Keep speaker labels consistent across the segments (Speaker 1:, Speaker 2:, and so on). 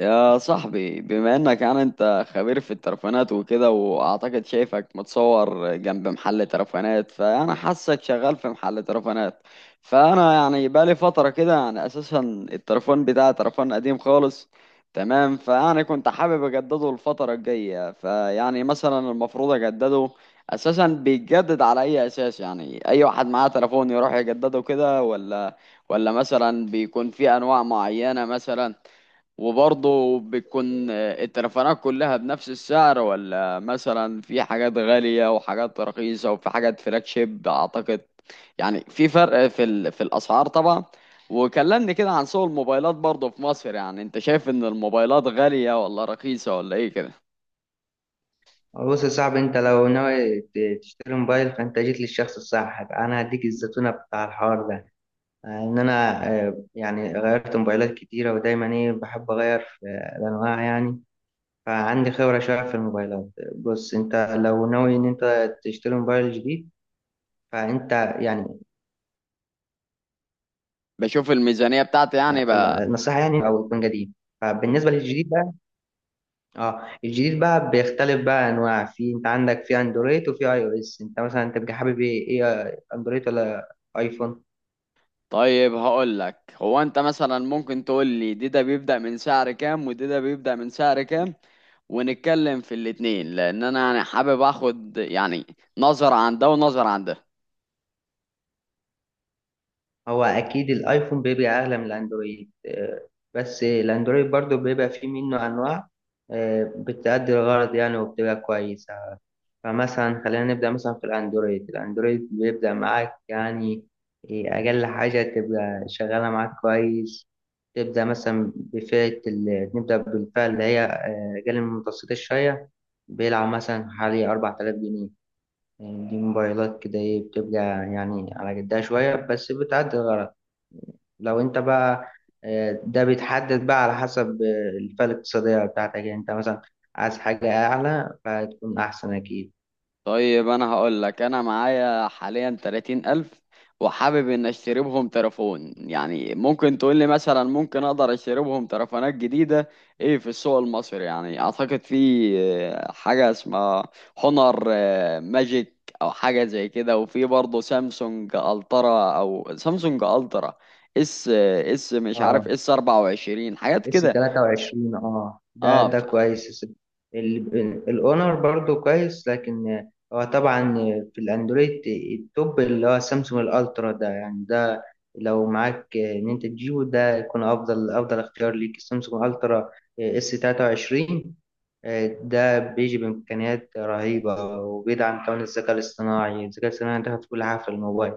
Speaker 1: يا صاحبي، بما انك يعني انت خبير في الترفانات وكده، واعتقد شايفك متصور جنب محل ترفانات، فانا حاسك شغال في محل ترفانات. فانا يعني بقالي فترة كده يعني اساسا الترفان بتاعي ترفان قديم خالص. تمام. فيعني كنت حابب اجدده الفترة الجاية، فيعني مثلا المفروض اجدده اساسا بيتجدد على اي اساس؟ يعني اي واحد معاه تليفون يروح يجدده كده، ولا مثلا بيكون في انواع معينة مثلا. وبرضه بتكون التليفونات كلها بنفس السعر، ولا مثلا في حاجات غالية وحاجات رخيصة وفي حاجات فلاج شيب؟ أعتقد يعني في فرق في في الأسعار طبعا. وكلمني كده عن سوق الموبايلات برضه في مصر. يعني أنت شايف إن الموبايلات غالية ولا رخيصة ولا إيه كده؟
Speaker 2: بص يا صاحبي، انت لو ناوي تشتري موبايل فانت جيت للشخص الصح. انا هديك الزتونه بتاع الحوار ده. انا يعني غيرت موبايلات كتيره، ودايما ايه، بحب اغير في الانواع يعني. فعندي خبره شويه في الموبايلات. بص انت لو ناوي ان انت تشتري موبايل جديد، فانت يعني
Speaker 1: بشوف الميزانية بتاعتي يعني
Speaker 2: آه،
Speaker 1: بقى.
Speaker 2: النصيحه يعني او يكون جديد. فبالنسبه للجديد بقى، اه الجديد بقى بيختلف بقى انواع. في انت عندك في اندرويد وفي اي او اس. انت مثلا انت بتبقى حابب ايه، ايه اندرويد ولا ايفون؟
Speaker 1: طيب، هقول لك، هو أنت مثلا ممكن تقول لي دي ده بيبدأ من سعر كام، ودي ده بيبدأ من سعر كام، ونتكلم في الاتنين، لان انا يعني حابب اخد يعني نظرة عن ده ونظرة عن ده.
Speaker 2: هو اكيد الايفون بيبقى اغلى من الاندرويد. بس الاندرويد برضو بيبقى فيه منه انواع بتأدي الغرض يعني، وبتبقى كويسة. فمثلا خلينا نبدأ مثلا في الاندرويد. الاندرويد بيبدأ معاك يعني اقل حاجة تبقى شغالة معاك كويس. تبدأ مثلا نبدأ بالفئة اللي هي أقل من المتوسطة شوية. بيلعب مثلا حوالي 4000 جنيه. يعني دي موبايلات كده، إيه، بتبقى يعني على قدها شوية، بس بتعدي الغرض. لو انت بقى ده بيتحدد بقى على حسب الفئة الاقتصادية بتاعتك. يعني انت مثلا عايز حاجة أعلى، فهتكون أحسن أكيد.
Speaker 1: طيب، انا هقول لك، انا معايا حاليا 30000 الف، وحابب ان اشتري بهم تليفون. يعني ممكن تقول لي مثلا ممكن اقدر اشتري بهم تليفونات جديدة ايه في السوق المصري؟ يعني اعتقد في حاجة اسمها هونر ماجيك او حاجة زي كده، وفي برضه سامسونج الترا او سامسونج الترا اس اس مش
Speaker 2: اه،
Speaker 1: عارف، اس 24 حاجات
Speaker 2: اس
Speaker 1: كده.
Speaker 2: 23، اه ده،
Speaker 1: اه
Speaker 2: ده
Speaker 1: ف...
Speaker 2: كويس. الاونر برضو كويس، لكن هو طبعا في الاندرويد التوب اللي هو سامسونج الالترا ده. يعني ده لو معاك ان انت تجيبه، ده يكون افضل اختيار ليك. سامسونج الترا اس 23 ده بيجي بامكانيات رهيبه، وبيدعم كمان الذكاء الاصطناعي. الذكاء الاصطناعي دخل في كل حاجه في الموبايل.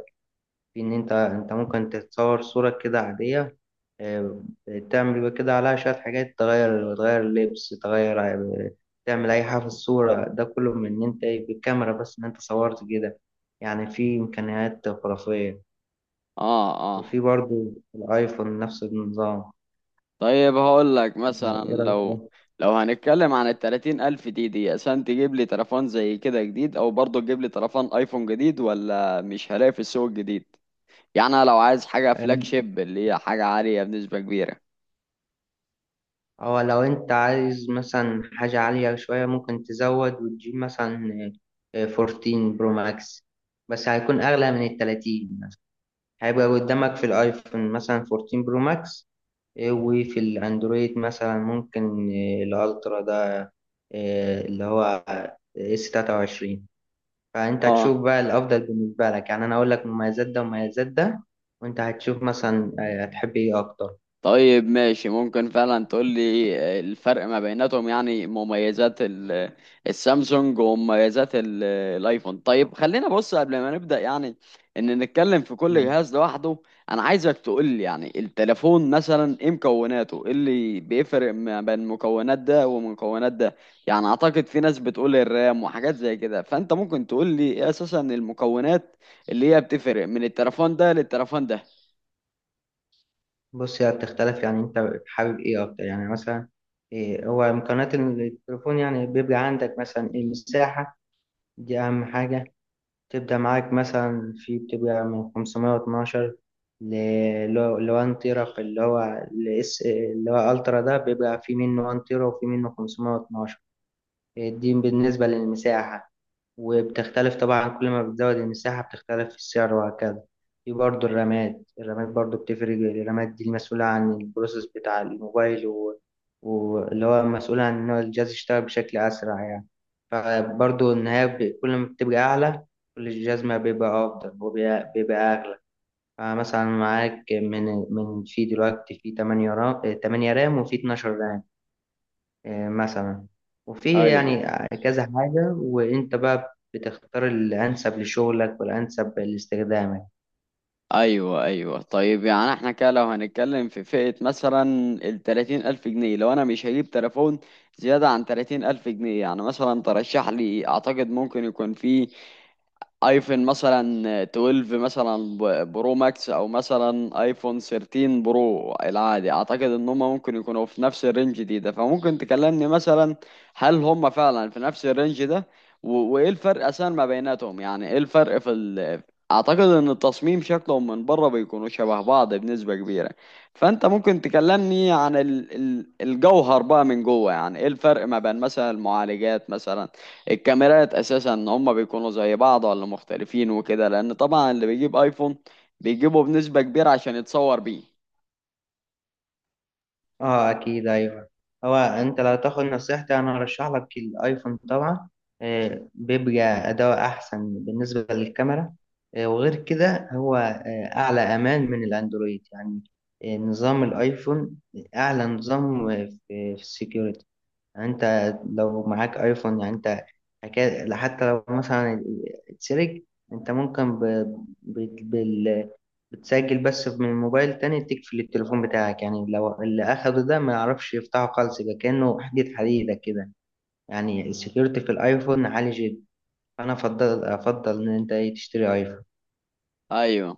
Speaker 2: في ان انت، ممكن تتصور صورة كده عادية، آه، تعمل بقى كده عليها شوية حاجات، تغير لبس، تغير تعمل أي حاجة في الصورة. ده كله من إن أنت، إيه، بالكاميرا بس، إن أنت صورت كده. يعني في إمكانيات خرافية.
Speaker 1: اه
Speaker 2: وفي
Speaker 1: اه
Speaker 2: برضو الآيفون نفس النظام.
Speaker 1: طيب هقول لك
Speaker 2: أنت
Speaker 1: مثلا،
Speaker 2: إيه رأيك في
Speaker 1: لو
Speaker 2: ده؟
Speaker 1: هنتكلم عن التلاتين ألف دي دي عشان تجيب لي تليفون زي كده جديد، أو برضه تجيب لي تليفون أيفون جديد، ولا مش هلاقي في السوق الجديد؟ يعني أنا لو عايز حاجة فلاج
Speaker 2: آم،
Speaker 1: شيب اللي هي حاجة عالية بنسبة كبيرة.
Speaker 2: أو لو أنت عايز مثلا حاجة عالية شوية، ممكن تزود وتجيب مثلا 14 برو ماكس. بس هيكون أغلى من التلاتين. هيبقى قدامك في الايفون مثلا 14 برو ماكس، إيه، وفي الاندرويد مثلا ممكن، إيه، الالترا ده، إيه، اللي هو اس 23. فانت
Speaker 1: اه،
Speaker 2: تشوف بقى الافضل بالنسبه لك. يعني انا اقول لك مميزات ده ومميزات ده، وانت هتشوف مثلا هتحب ايه اكتر.
Speaker 1: طيب ماشي، ممكن فعلا تقول لي الفرق ما بيناتهم؟ يعني مميزات السامسونج ومميزات الايفون. طيب، خلينا بص، قبل ما نبدأ يعني ان نتكلم في كل
Speaker 2: مم.
Speaker 1: جهاز لوحده، انا عايزك تقول لي يعني التليفون مثلا ايه مكوناته، ايه اللي بيفرق ما بين مكونات ده ومكونات ده. يعني اعتقد في ناس بتقول الرام وحاجات زي كده، فانت ممكن تقول لي ايه اساسا المكونات اللي هي بتفرق من التليفون ده للتليفون ده.
Speaker 2: بص هي بتختلف يعني. انت حابب ايه اكتر؟ يعني مثلا إيه، هو امكانيات التليفون. يعني بيبقى عندك مثلا المساحه، دي اهم حاجه. تبدأ معاك مثلا في بتبقى من 512 لو 1 تيرا. في اللي هو الاس اللي هو الترا ده، بيبقى في منه 1 تيرا وفي منه 512. دي بالنسبة للمساحة. وبتختلف طبعا، كل ما بتزود المساحة بتختلف في السعر وهكذا. في برضه الرامات. الرامات برضه بتفرق الرامات دي المسؤولة عن البروسيس بتاع الموبايل، واللي هو مسؤول عن إن هو الجهاز يشتغل بشكل أسرع يعني. فبرضه كل ما بتبقى أعلى، كل الجهاز ما بيبقى أفضل، وبيبقى أغلى. فمثلا معاك من في دلوقتي في 8 رام، وفي 12 رام مثلا، وفي
Speaker 1: ايوه
Speaker 2: يعني كذا حاجة. وانت بقى بتختار الانسب لشغلك والانسب لاستخدامك.
Speaker 1: ايوه. طيب، يعني احنا كده لو هنتكلم في فئة مثلا ال 30000 الف جنيه، لو انا مش هجيب تليفون زيادة عن 30000 الف جنيه، يعني مثلا ترشح لي؟ اعتقد ممكن يكون في ايفون مثلا 12 مثلا برو ماكس، او مثلا ايفون 13 برو العادي. اعتقد ان هم ممكن يكونوا في نفس الرينج ده، فممكن تكلمني مثلا هل هم فعلا في نفس الرينج ده؟ وايه الفرق اساسا ما بيناتهم؟ يعني ايه الفرق في اعتقد ان التصميم، شكلهم من بره بيكونوا شبه بعض بنسبة كبيرة، فانت ممكن تكلمني عن الجوهر بقى من جوه. يعني ايه الفرق ما بين مثلا المعالجات مثلا، الكاميرات، اساسا ان هم بيكونوا زي بعض ولا مختلفين وكده. لان طبعا اللي بيجيب ايفون بيجيبه بنسبة كبيرة عشان يتصور بيه.
Speaker 2: اه، اكيد، ايوه. هو انت لو تاخد نصيحتي، انا ارشح لك الايفون طبعا. بيبقى اداء احسن بالنسبة للكاميرا. وغير كده هو اعلى امان من الاندرويد يعني. نظام الايفون اعلى نظام في السكيورتي. يعني انت لو معاك ايفون، يعني انت حتى لو مثلا اتسرق، انت ممكن ب... بال... بتسجل بس من موبايل تاني تقفل التليفون بتاعك. يعني لو اللي اخده ده ما يعرفش يفتحه خالص، يبقى كأنه حديدة كده. يعني السكيورتي في الايفون عالي جدا. فانا افضل ان انت، إيه، تشتري ايفون.
Speaker 1: ايوه.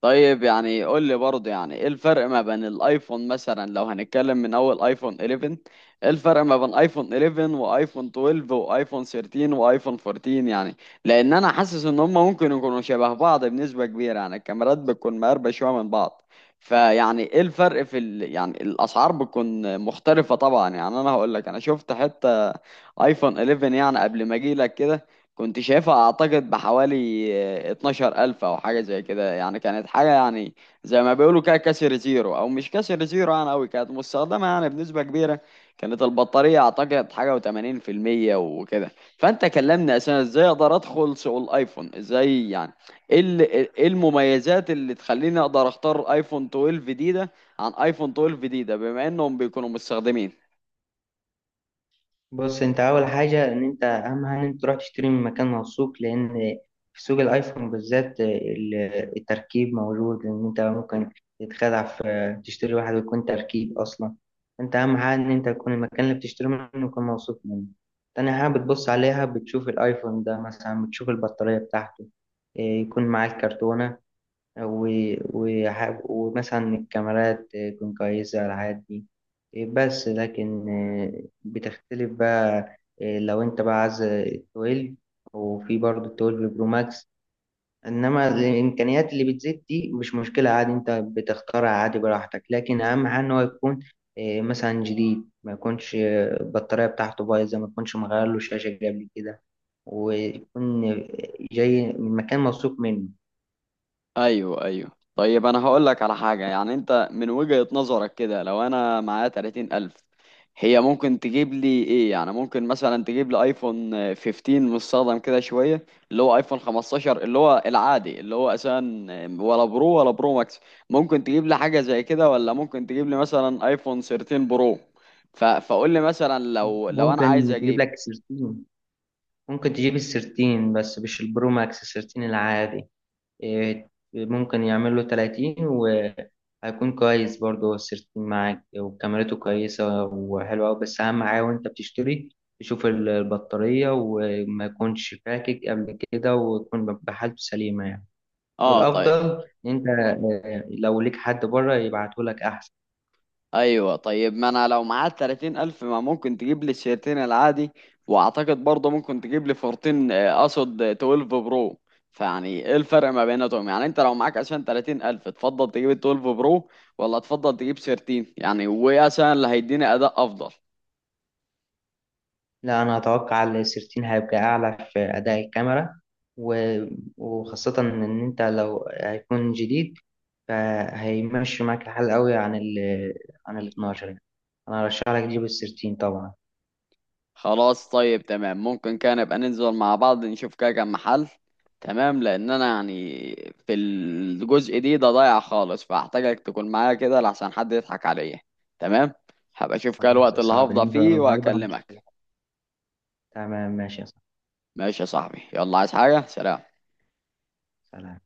Speaker 1: طيب، يعني قول لي برضه يعني ايه الفرق ما بين الايفون مثلا لو هنتكلم من اول ايفون 11، ايه الفرق ما بين ايفون 11 وايفون 12 وايفون 13 وايفون 14 يعني؟ لان انا حاسس ان هم ممكن يكونوا شبه بعض بنسبة كبيرة. يعني الكاميرات بتكون مقربة شوية من بعض، فيعني ايه الفرق في يعني الاسعار بتكون مختلفة طبعا. يعني انا هقول لك، انا شفت حتى ايفون 11 يعني قبل ما اجي لك كده، كنت شايفها اعتقد بحوالي 12000 او حاجة زي كده. يعني كانت حاجة يعني زي ما بيقولوا كده كسر زيرو او مش كسر زيرو، يعني اوي كانت مستخدمة يعني بنسبة كبيرة. كانت البطارية اعتقد حاجة وثمانين% وكده. فانت كلمني اساسا ازاي اقدر ادخل سوق الايفون ازاي؟ يعني ايه ايه المميزات اللي تخليني اقدر اختار ايفون 12 ده عن ايفون 12 ده، بما انهم بيكونوا مستخدمين.
Speaker 2: بص انت اول حاجه ان انت، اهم حاجه ان انت تروح تشتري من مكان موثوق. لان في سوق الايفون بالذات التركيب موجود. ان انت ممكن تتخدع، في تشتري واحد ويكون تركيب اصلا. انت اهم حاجه ان انت يكون المكان اللي بتشتري منه يكون موثوق منه. تاني حاجه بتبص عليها، بتشوف الايفون ده مثلا، بتشوف البطاريه بتاعته، اه، يكون معاه الكرتونه، ومثلا الكاميرات تكون كويسة، الحاجات دي. بس لكن بتختلف بقى لو انت بقى عايز 12، وفي برضه 12 برو ماكس. انما الامكانيات اللي بتزيد دي مش مشكلة عادي، انت بتختارها عادي براحتك. لكن اهم حاجة ان هو يكون اه، مثلا جديد، ما يكونش البطارية بتاعته بايظة، ما يكونش مغير له شاشة قبل كده، ويكون جاي من مكان موثوق منه.
Speaker 1: ايوه. طيب، انا هقول لك على حاجه. يعني انت من وجهه نظرك كده، لو انا معايا 30000 الف، هي ممكن تجيب لي ايه؟ يعني ممكن مثلا تجيب لي ايفون 15 مستخدم كده شويه، اللي هو ايفون 15 اللي هو العادي اللي هو اساسا، ولا برو، ولا برو ماكس؟ ممكن تجيب لي حاجه زي كده، ولا ممكن تجيب لي مثلا ايفون 13 برو؟ فقول لي مثلا، لو انا عايز
Speaker 2: ممكن تجيب
Speaker 1: اجيب.
Speaker 2: لك 13. ممكن تجيب السيرتين بس مش البرو ماكس، السيرتين العادي. إيه، ممكن يعمل له 30 وهيكون كويس برضه. هو السيرتين معاك وكاميرته كويسة وحلوة أوي. بس أهم حاجة وأنت بتشتري، تشوف البطارية، وما يكونش فاكك قبل كده، وتكون بحالته سليمة يعني.
Speaker 1: اه طيب.
Speaker 2: والأفضل إن أنت لو ليك حد بره يبعتهولك أحسن.
Speaker 1: ايوه، طيب، ما انا لو معايا 30000 الف، ما ممكن تجيب لي الشيرتين العادي، واعتقد برضه ممكن تجيب لي فورتين، اقصد 12 برو. فيعني ايه الفرق ما بيناتهم؟ يعني انت لو معاك، عشان 30000 الف، تفضل تجيب ال 12 برو، ولا تفضل تجيب شيرتين يعني؟ وايه عشان اللي هيديني اداء افضل؟
Speaker 2: لا، أنا أتوقع السيرتين هيبقى أعلى في أداء الكاميرا. و- وخاصة إن أنت لو هيكون جديد، فهيمشي معاك الحال قوي عن عن ال 12 يعني. أنا أرشح لك تجيب السيرتين طبعا.
Speaker 1: خلاص، طيب تمام، ممكن كان نبقى ننزل مع بعض نشوف كده كام محل. تمام، لان انا يعني في الجزء ده ضايع خالص، فاحتاجك تكون معايا كده، لحسن حد يضحك عليا. تمام، هبقى اشوف كده
Speaker 2: خلاص
Speaker 1: الوقت
Speaker 2: يا
Speaker 1: اللي
Speaker 2: صاحبي،
Speaker 1: هفضى
Speaker 2: ننزل
Speaker 1: فيه
Speaker 2: النهاردة ونشوف.
Speaker 1: واكلمك.
Speaker 2: تمام، ماشي يا صاحبي.
Speaker 1: ماشي يا صاحبي، يلا، عايز حاجة؟ سلام.
Speaker 2: سلام.